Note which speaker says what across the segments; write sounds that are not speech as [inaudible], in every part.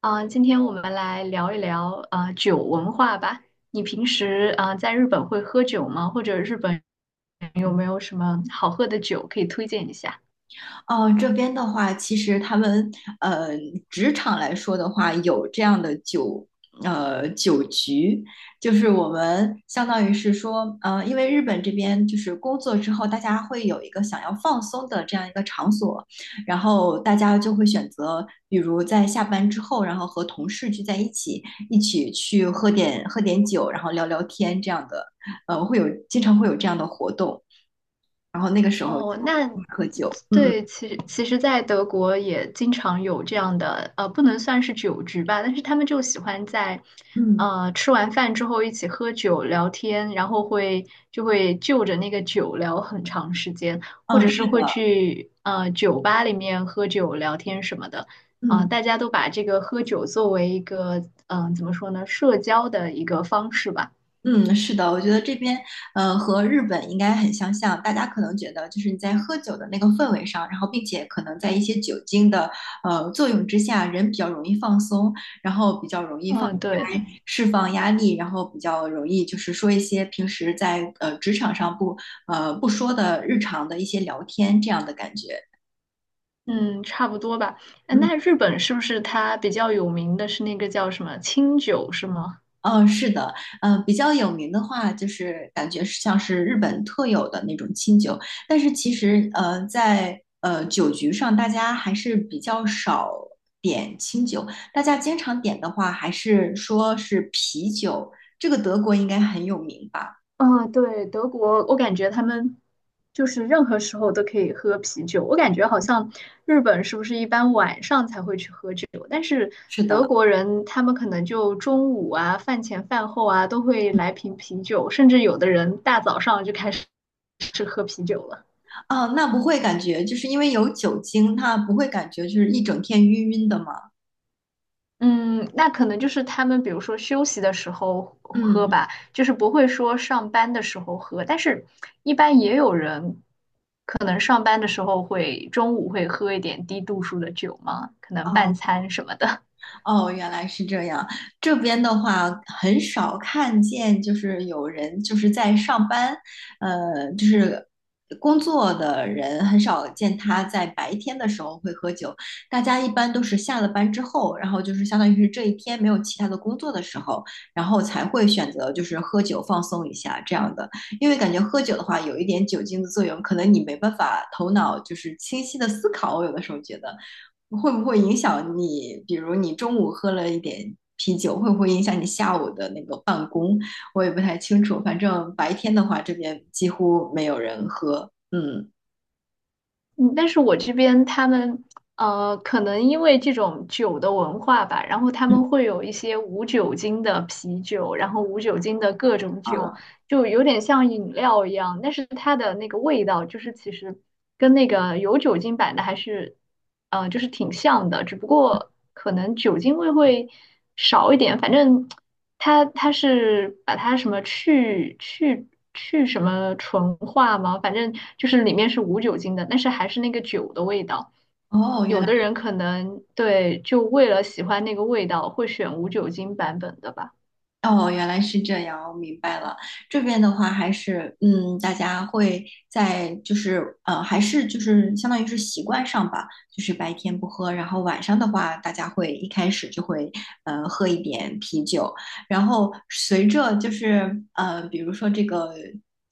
Speaker 1: 啊，今天我们来聊一聊啊酒文化吧。你平时啊在日本会喝酒吗？或者日本有没有什么好喝的酒可以推荐一下？
Speaker 2: 哦，这边的话，其实他们呃，职场来说的话，有这样的酒酒局，就是我们相当于是说，因为日本这边就是工作之后，大家会有一个想要放松的这样一个场所，然后大家就会选择，比如在下班之后，然后和同事聚在一起，一起去喝点酒，然后聊聊天这样的，经常会有这样的活动，然后那个时候就
Speaker 1: 哦，那
Speaker 2: 喝酒，嗯嗯
Speaker 1: 对，其实，在德国也经常有这样的，不能算是酒局吧，但是他们就喜欢在，
Speaker 2: 嗯。
Speaker 1: 吃完饭之后一起喝酒聊天，然后就会就着那个酒聊很长时间，或
Speaker 2: 嗯，
Speaker 1: 者是
Speaker 2: 是
Speaker 1: 会
Speaker 2: 的，
Speaker 1: 去酒吧里面喝酒聊天什么的，啊、
Speaker 2: 嗯
Speaker 1: 大家都把这个喝酒作为一个，怎么说呢，社交的一个方式吧，
Speaker 2: 嗯，是的，我觉得这边和日本应该很相像，大家可能觉得就是你在喝酒的那个氛围上，然后并且可能在一些酒精的作用之下，人比较容易放松，然后比较容易放
Speaker 1: 嗯，对。
Speaker 2: 开释放压力，然后比较容易就是说一些平时在职场上不说的日常的一些聊天这样的感觉。
Speaker 1: 嗯，差不多吧。哎，
Speaker 2: 嗯。
Speaker 1: 那日本是不是它比较有名的是那个叫什么清酒是吗？
Speaker 2: 嗯，是的，嗯，比较有名的话，就是感觉是像是日本特有的那种清酒，但是其实，在酒局上，大家还是比较少点清酒，大家经常点的话，还是说是啤酒，这个德国应该很有名吧？
Speaker 1: 嗯，对，德国，我感觉他们就是任何时候都可以喝啤酒。我感觉好像日本是不是一般晚上才会去喝酒，但是
Speaker 2: 是
Speaker 1: 德
Speaker 2: 的，
Speaker 1: 国人他们可能就中午啊、饭前饭后啊都会来瓶啤酒，甚至有的人大早上就开始是喝啤酒了。
Speaker 2: 啊，那不会感觉就是因为有酒精，它不会感觉就是一整天晕晕的吗？
Speaker 1: 嗯，那可能就是他们，比如说休息的时候喝
Speaker 2: 嗯，
Speaker 1: 吧，就是不会说上班的时候喝。但是，一般也有人可能上班的时候会中午会喝一点低度数的酒嘛，可能半
Speaker 2: 哦
Speaker 1: 餐什么的。
Speaker 2: 哦，原来是这样。这边的话，很少看见，就是有人就是在上班，就是工作的人很少见他在白天的时候会喝酒。大家一般都是下了班之后，然后就是相当于是这一天没有其他的工作的时候，然后才会选择就是喝酒放松一下这样的。因为感觉喝酒的话，有一点酒精的作用，可能你没办法头脑就是清晰的思考，我有的时候觉得。会不会影响你？比如你中午喝了一点啤酒，会不会影响你下午的那个办公？我也不太清楚。反正白天的话，这边几乎没有人喝。嗯，
Speaker 1: 嗯，但是我这边他们可能因为这种酒的文化吧，然后他
Speaker 2: 嗯
Speaker 1: 们会有一些无酒精的啤酒，然后无酒精的各种酒。
Speaker 2: 啊，
Speaker 1: 就有点像饮料一样，但是它的那个味道就是其实跟那个有酒精版的还是，就是挺像的，只不过可能酒精味会少一点。反正它是把它什么去什么纯化嘛，反正就是里面是无酒精的，但是还是那个酒的味道。
Speaker 2: 哦，原
Speaker 1: 有
Speaker 2: 来。
Speaker 1: 的人可能对，就为了喜欢那个味道，会选无酒精版本的吧。
Speaker 2: 哦，原来是这样，我明白了。这边的话还是，嗯，大家会在就是，还是就是相当于是习惯上吧，就是白天不喝，然后晚上的话，大家会一开始就会，喝一点啤酒，然后随着就是，比如说这个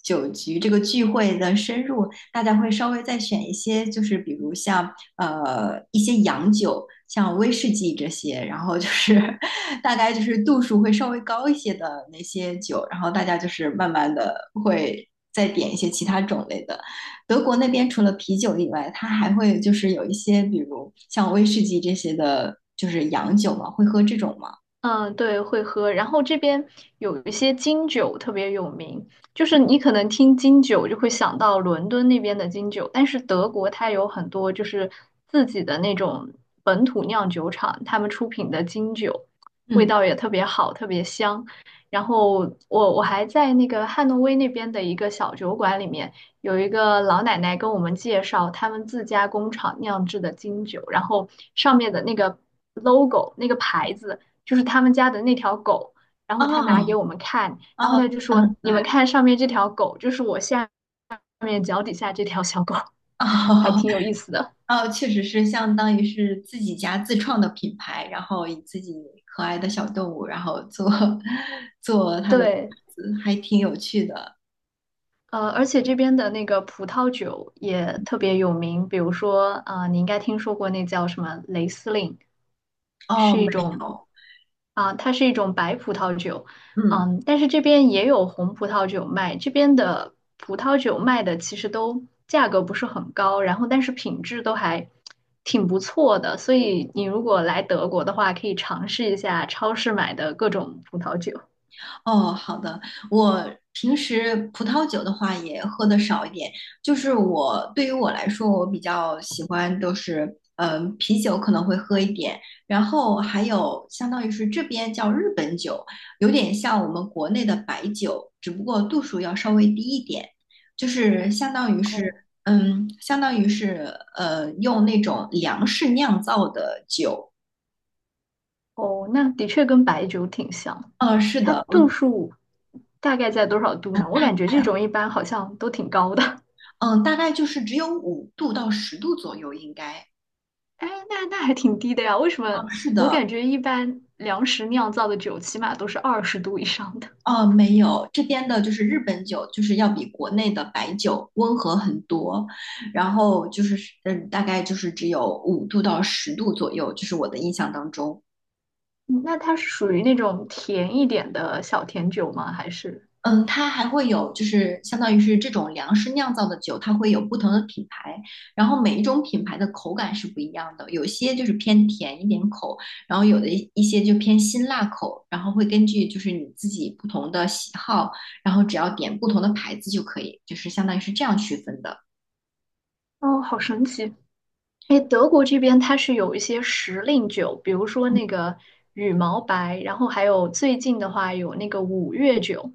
Speaker 2: 酒局这个聚会的深入，大家会稍微再选一些，就是比如像，一些洋酒，像威士忌这些，然后就是 [laughs] 大概就是度数会稍微高一些的那些酒，然后大家就是慢慢的会再点一些其他种类的。德国那边除了啤酒以外，它还会就是有一些，比如像威士忌这些的，就是洋酒嘛，会喝这种吗？
Speaker 1: 嗯，对，会喝。然后这边有一些金酒特别有名，就是你可能听金酒就会想到伦敦那边的金酒，但是德国它有很多就是自己的那种本土酿酒厂，他们出品的金酒，味
Speaker 2: 嗯，
Speaker 1: 道也特别好，特别香。然后我还在那个汉诺威那边的一个小酒馆里面，有一个老奶奶跟我们介绍他们自家工厂酿制的金酒，然后上面的那个 logo 那个牌子。就是他们家的那条狗，然后他拿给
Speaker 2: 哦
Speaker 1: 我们看，然后
Speaker 2: 哦，
Speaker 1: 他就说：
Speaker 2: 嗯，
Speaker 1: “你
Speaker 2: 对，
Speaker 1: 们看上面这条狗，就是我下面脚底下这条小狗，还
Speaker 2: 哦
Speaker 1: 挺有意思
Speaker 2: [laughs]
Speaker 1: 的。”
Speaker 2: 哦，确实是相当于是自己家自创的品牌，然后以自己可爱的小动物，然后做 [laughs] 做它的牌
Speaker 1: 对，
Speaker 2: 子，还挺有趣的。
Speaker 1: 而且这边的那个葡萄酒也特别有名，比如说，啊，你应该听说过那叫什么雷司令，
Speaker 2: 哦，
Speaker 1: 是一
Speaker 2: 没
Speaker 1: 种，
Speaker 2: 有，
Speaker 1: 啊、它是一种白葡萄酒，
Speaker 2: 嗯。
Speaker 1: 嗯，但是这边也有红葡萄酒卖，这边的葡萄酒卖的其实都价格不是很高，然后但是品质都还挺不错的，所以你如果来德国的话，可以尝试一下超市买的各种葡萄酒。
Speaker 2: 哦，好的。我平时葡萄酒的话也喝的少一点，就是我对于我来说，我比较喜欢都是，嗯、啤酒可能会喝一点，然后还有相当于是这边叫日本酒，有点像我们国内的白酒，只不过度数要稍微低一点，就是相当于是，
Speaker 1: 哦
Speaker 2: 嗯，相当于是，用那种粮食酿造的酒。
Speaker 1: 哦，那的确跟白酒挺像。
Speaker 2: 是
Speaker 1: 它
Speaker 2: 的，
Speaker 1: 度
Speaker 2: 我。
Speaker 1: 数大概在多少度呢？我感觉这种一般好像都挺高的。[laughs]
Speaker 2: 嗯，大概就是只有五度到十度左右，应该。
Speaker 1: 哎，那还挺低的呀？为什
Speaker 2: 哦，
Speaker 1: 么？
Speaker 2: 是
Speaker 1: 我
Speaker 2: 的，
Speaker 1: 感觉一般粮食酿造的酒起码都是20度以上的。
Speaker 2: 哦，没有，这边的就是日本酒，就是要比国内的白酒温和很多，然后就是，嗯，大概就是只有五度到十度左右，就是我的印象当中。
Speaker 1: 嗯那它是属于那种甜一点的小甜酒吗？还是？
Speaker 2: 嗯，它还会有，就是相当于是这种粮食酿造的酒，它会有不同的品牌，然后每一种品牌的口感是不一样的，有些就是偏甜一点口，然后有的一些就偏辛辣口，然后会根据就是你自己不同的喜好，然后只要点不同的牌子就可以，就是相当于是这样区分的。
Speaker 1: 哦，好神奇。哎，德国这边它是有一些时令酒，比如说那个羽毛白，然后还有最近的话有那个五月酒。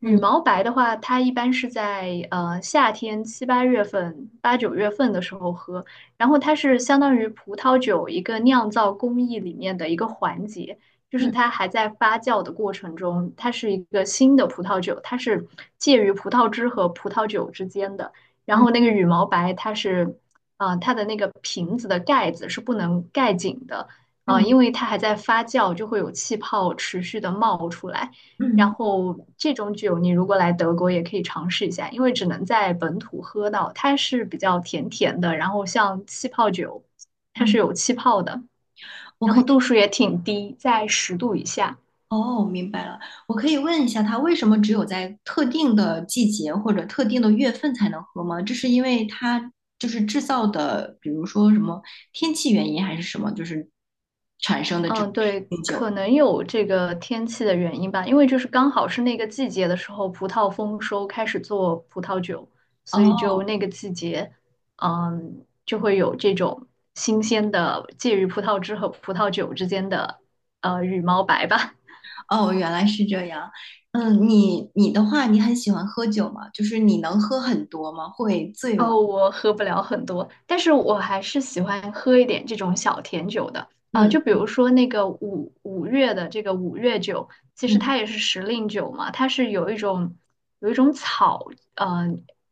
Speaker 1: 羽
Speaker 2: 嗯
Speaker 1: 毛白的话，它一般是在夏天7、8月份、8、9月份的时候喝，然后它是相当于葡萄酒一个酿造工艺里面的一个环节，就是
Speaker 2: 嗯
Speaker 1: 它还在发酵的过程中，它是一个新的葡萄酒，它是介于葡萄汁和葡萄酒之间的。然后那个
Speaker 2: 嗯
Speaker 1: 羽毛白，它是啊、它的那个瓶子的盖子是不能盖紧的，啊、
Speaker 2: 嗯
Speaker 1: 因为它还在发酵，就会有气泡持续的冒出来。
Speaker 2: 嗯
Speaker 1: 然
Speaker 2: 嗯，
Speaker 1: 后这种酒你如果来德国也可以尝试一下，因为只能在本土喝到，它是比较甜甜的，然后像气泡酒，它是
Speaker 2: 嗯，
Speaker 1: 有气泡的，
Speaker 2: 我
Speaker 1: 然
Speaker 2: 可
Speaker 1: 后
Speaker 2: 以。
Speaker 1: 度数也挺低，在十度以下。
Speaker 2: 哦，明白了。我可以问一下，它为什么只有在特定的季节或者特定的月份才能喝吗？这是因为它就是制造的，比如说什么天气原因还是什么，就是产生的这种
Speaker 1: 嗯，对，
Speaker 2: 冰酒。
Speaker 1: 可能有这个天气的原因吧，因为就是刚好是那个季节的时候，葡萄丰收，开始做葡萄酒，所以
Speaker 2: 哦
Speaker 1: 就那个季节，嗯，就会有这种新鲜的介于葡萄汁和葡萄酒之间的羽毛白吧。[laughs]
Speaker 2: 哦，原来是这样。嗯，你的话，你很喜欢喝酒吗？就是你能喝很多吗？会醉吗？
Speaker 1: 哦，我喝不了很多，但是我还是喜欢喝一点这种小甜酒的。啊、
Speaker 2: 嗯
Speaker 1: 就比如说那个五月的这个五月酒，其实
Speaker 2: 嗯。
Speaker 1: 它也是时令酒嘛，它是有一种草，呃，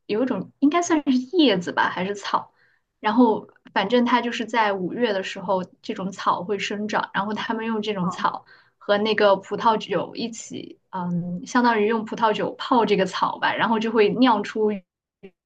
Speaker 1: 有一种应该算是叶子吧，还是草。然后反正它就是在五月的时候，这种草会生长，然后他们用这种草。和那个葡萄酒一起，嗯，相当于用葡萄酒泡这个草吧，然后就会酿出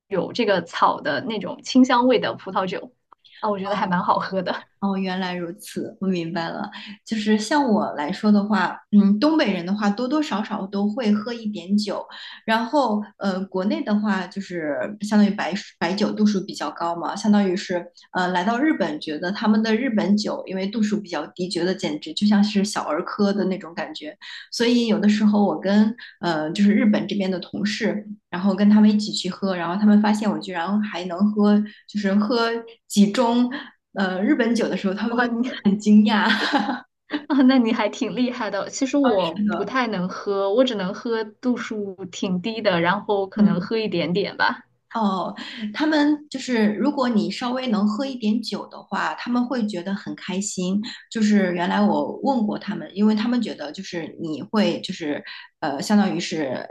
Speaker 1: 有这个草的那种清香味的葡萄酒，啊，我觉得还蛮好喝的。
Speaker 2: 哦，原来如此，我明白了。就是像我来说的话，嗯，东北人的话多多少少都会喝一点酒，然后国内的话就是相当于白酒度数比较高嘛，相当于是来到日本，觉得他们的日本酒因为度数比较低，觉得简直就像是小儿科的那种感觉，所以有的时候我跟就是日本这边的同事。然后跟他们一起去喝，然后他们发现我居然还能喝，就是喝几盅日本酒的时候，他们都
Speaker 1: 哇，你
Speaker 2: 很惊讶。[laughs]
Speaker 1: [laughs] 啊，那你还挺厉害的。其实我
Speaker 2: 的，
Speaker 1: 不太能喝，我只能喝度数挺低的，然后可能
Speaker 2: 嗯。
Speaker 1: 喝一点点吧。
Speaker 2: 哦，他们就是如果你稍微能喝一点酒的话，他们会觉得很开心。就是原来我问过他们，因为他们觉得就是你会就是相当于是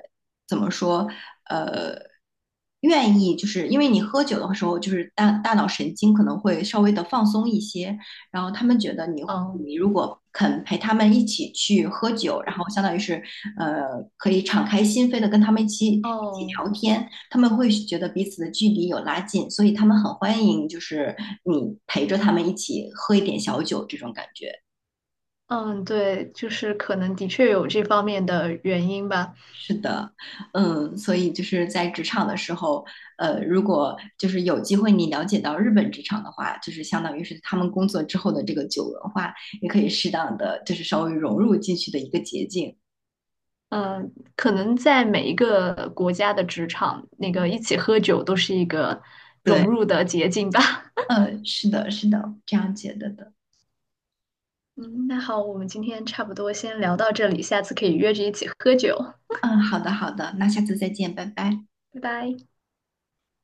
Speaker 2: 怎么说呃，愿意就是因为你喝酒的时候，就是大脑神经可能会稍微的放松一些，然后他们觉得你
Speaker 1: 嗯，
Speaker 2: 你如果肯陪他们一起去喝酒，然后相当于是可以敞开心扉的跟他们一起
Speaker 1: 哦，
Speaker 2: 聊天。他们会觉得彼此的距离有拉近，所以他们很欢迎，就是你陪着他们一起喝一点小酒这种感觉。
Speaker 1: 嗯，对，就是可能的确有这方面的原因吧。
Speaker 2: 是的，嗯，所以就是在职场的时候，如果就是有机会你了解到日本职场的话，就是相当于是他们工作之后的这个酒文化，也可以适当的就是稍微融入进去的一个捷径。
Speaker 1: 嗯，可能在每一个国家的职场，那个一起喝酒都是一个
Speaker 2: 对，
Speaker 1: 融入的捷径吧。[laughs]
Speaker 2: 嗯，是的，是的，这样觉得的。
Speaker 1: 嗯，那好，我们今天差不多先聊到这里，下次可以约着一起喝酒，
Speaker 2: 嗯，好的，好的，那下次再见，拜拜。
Speaker 1: 拜拜。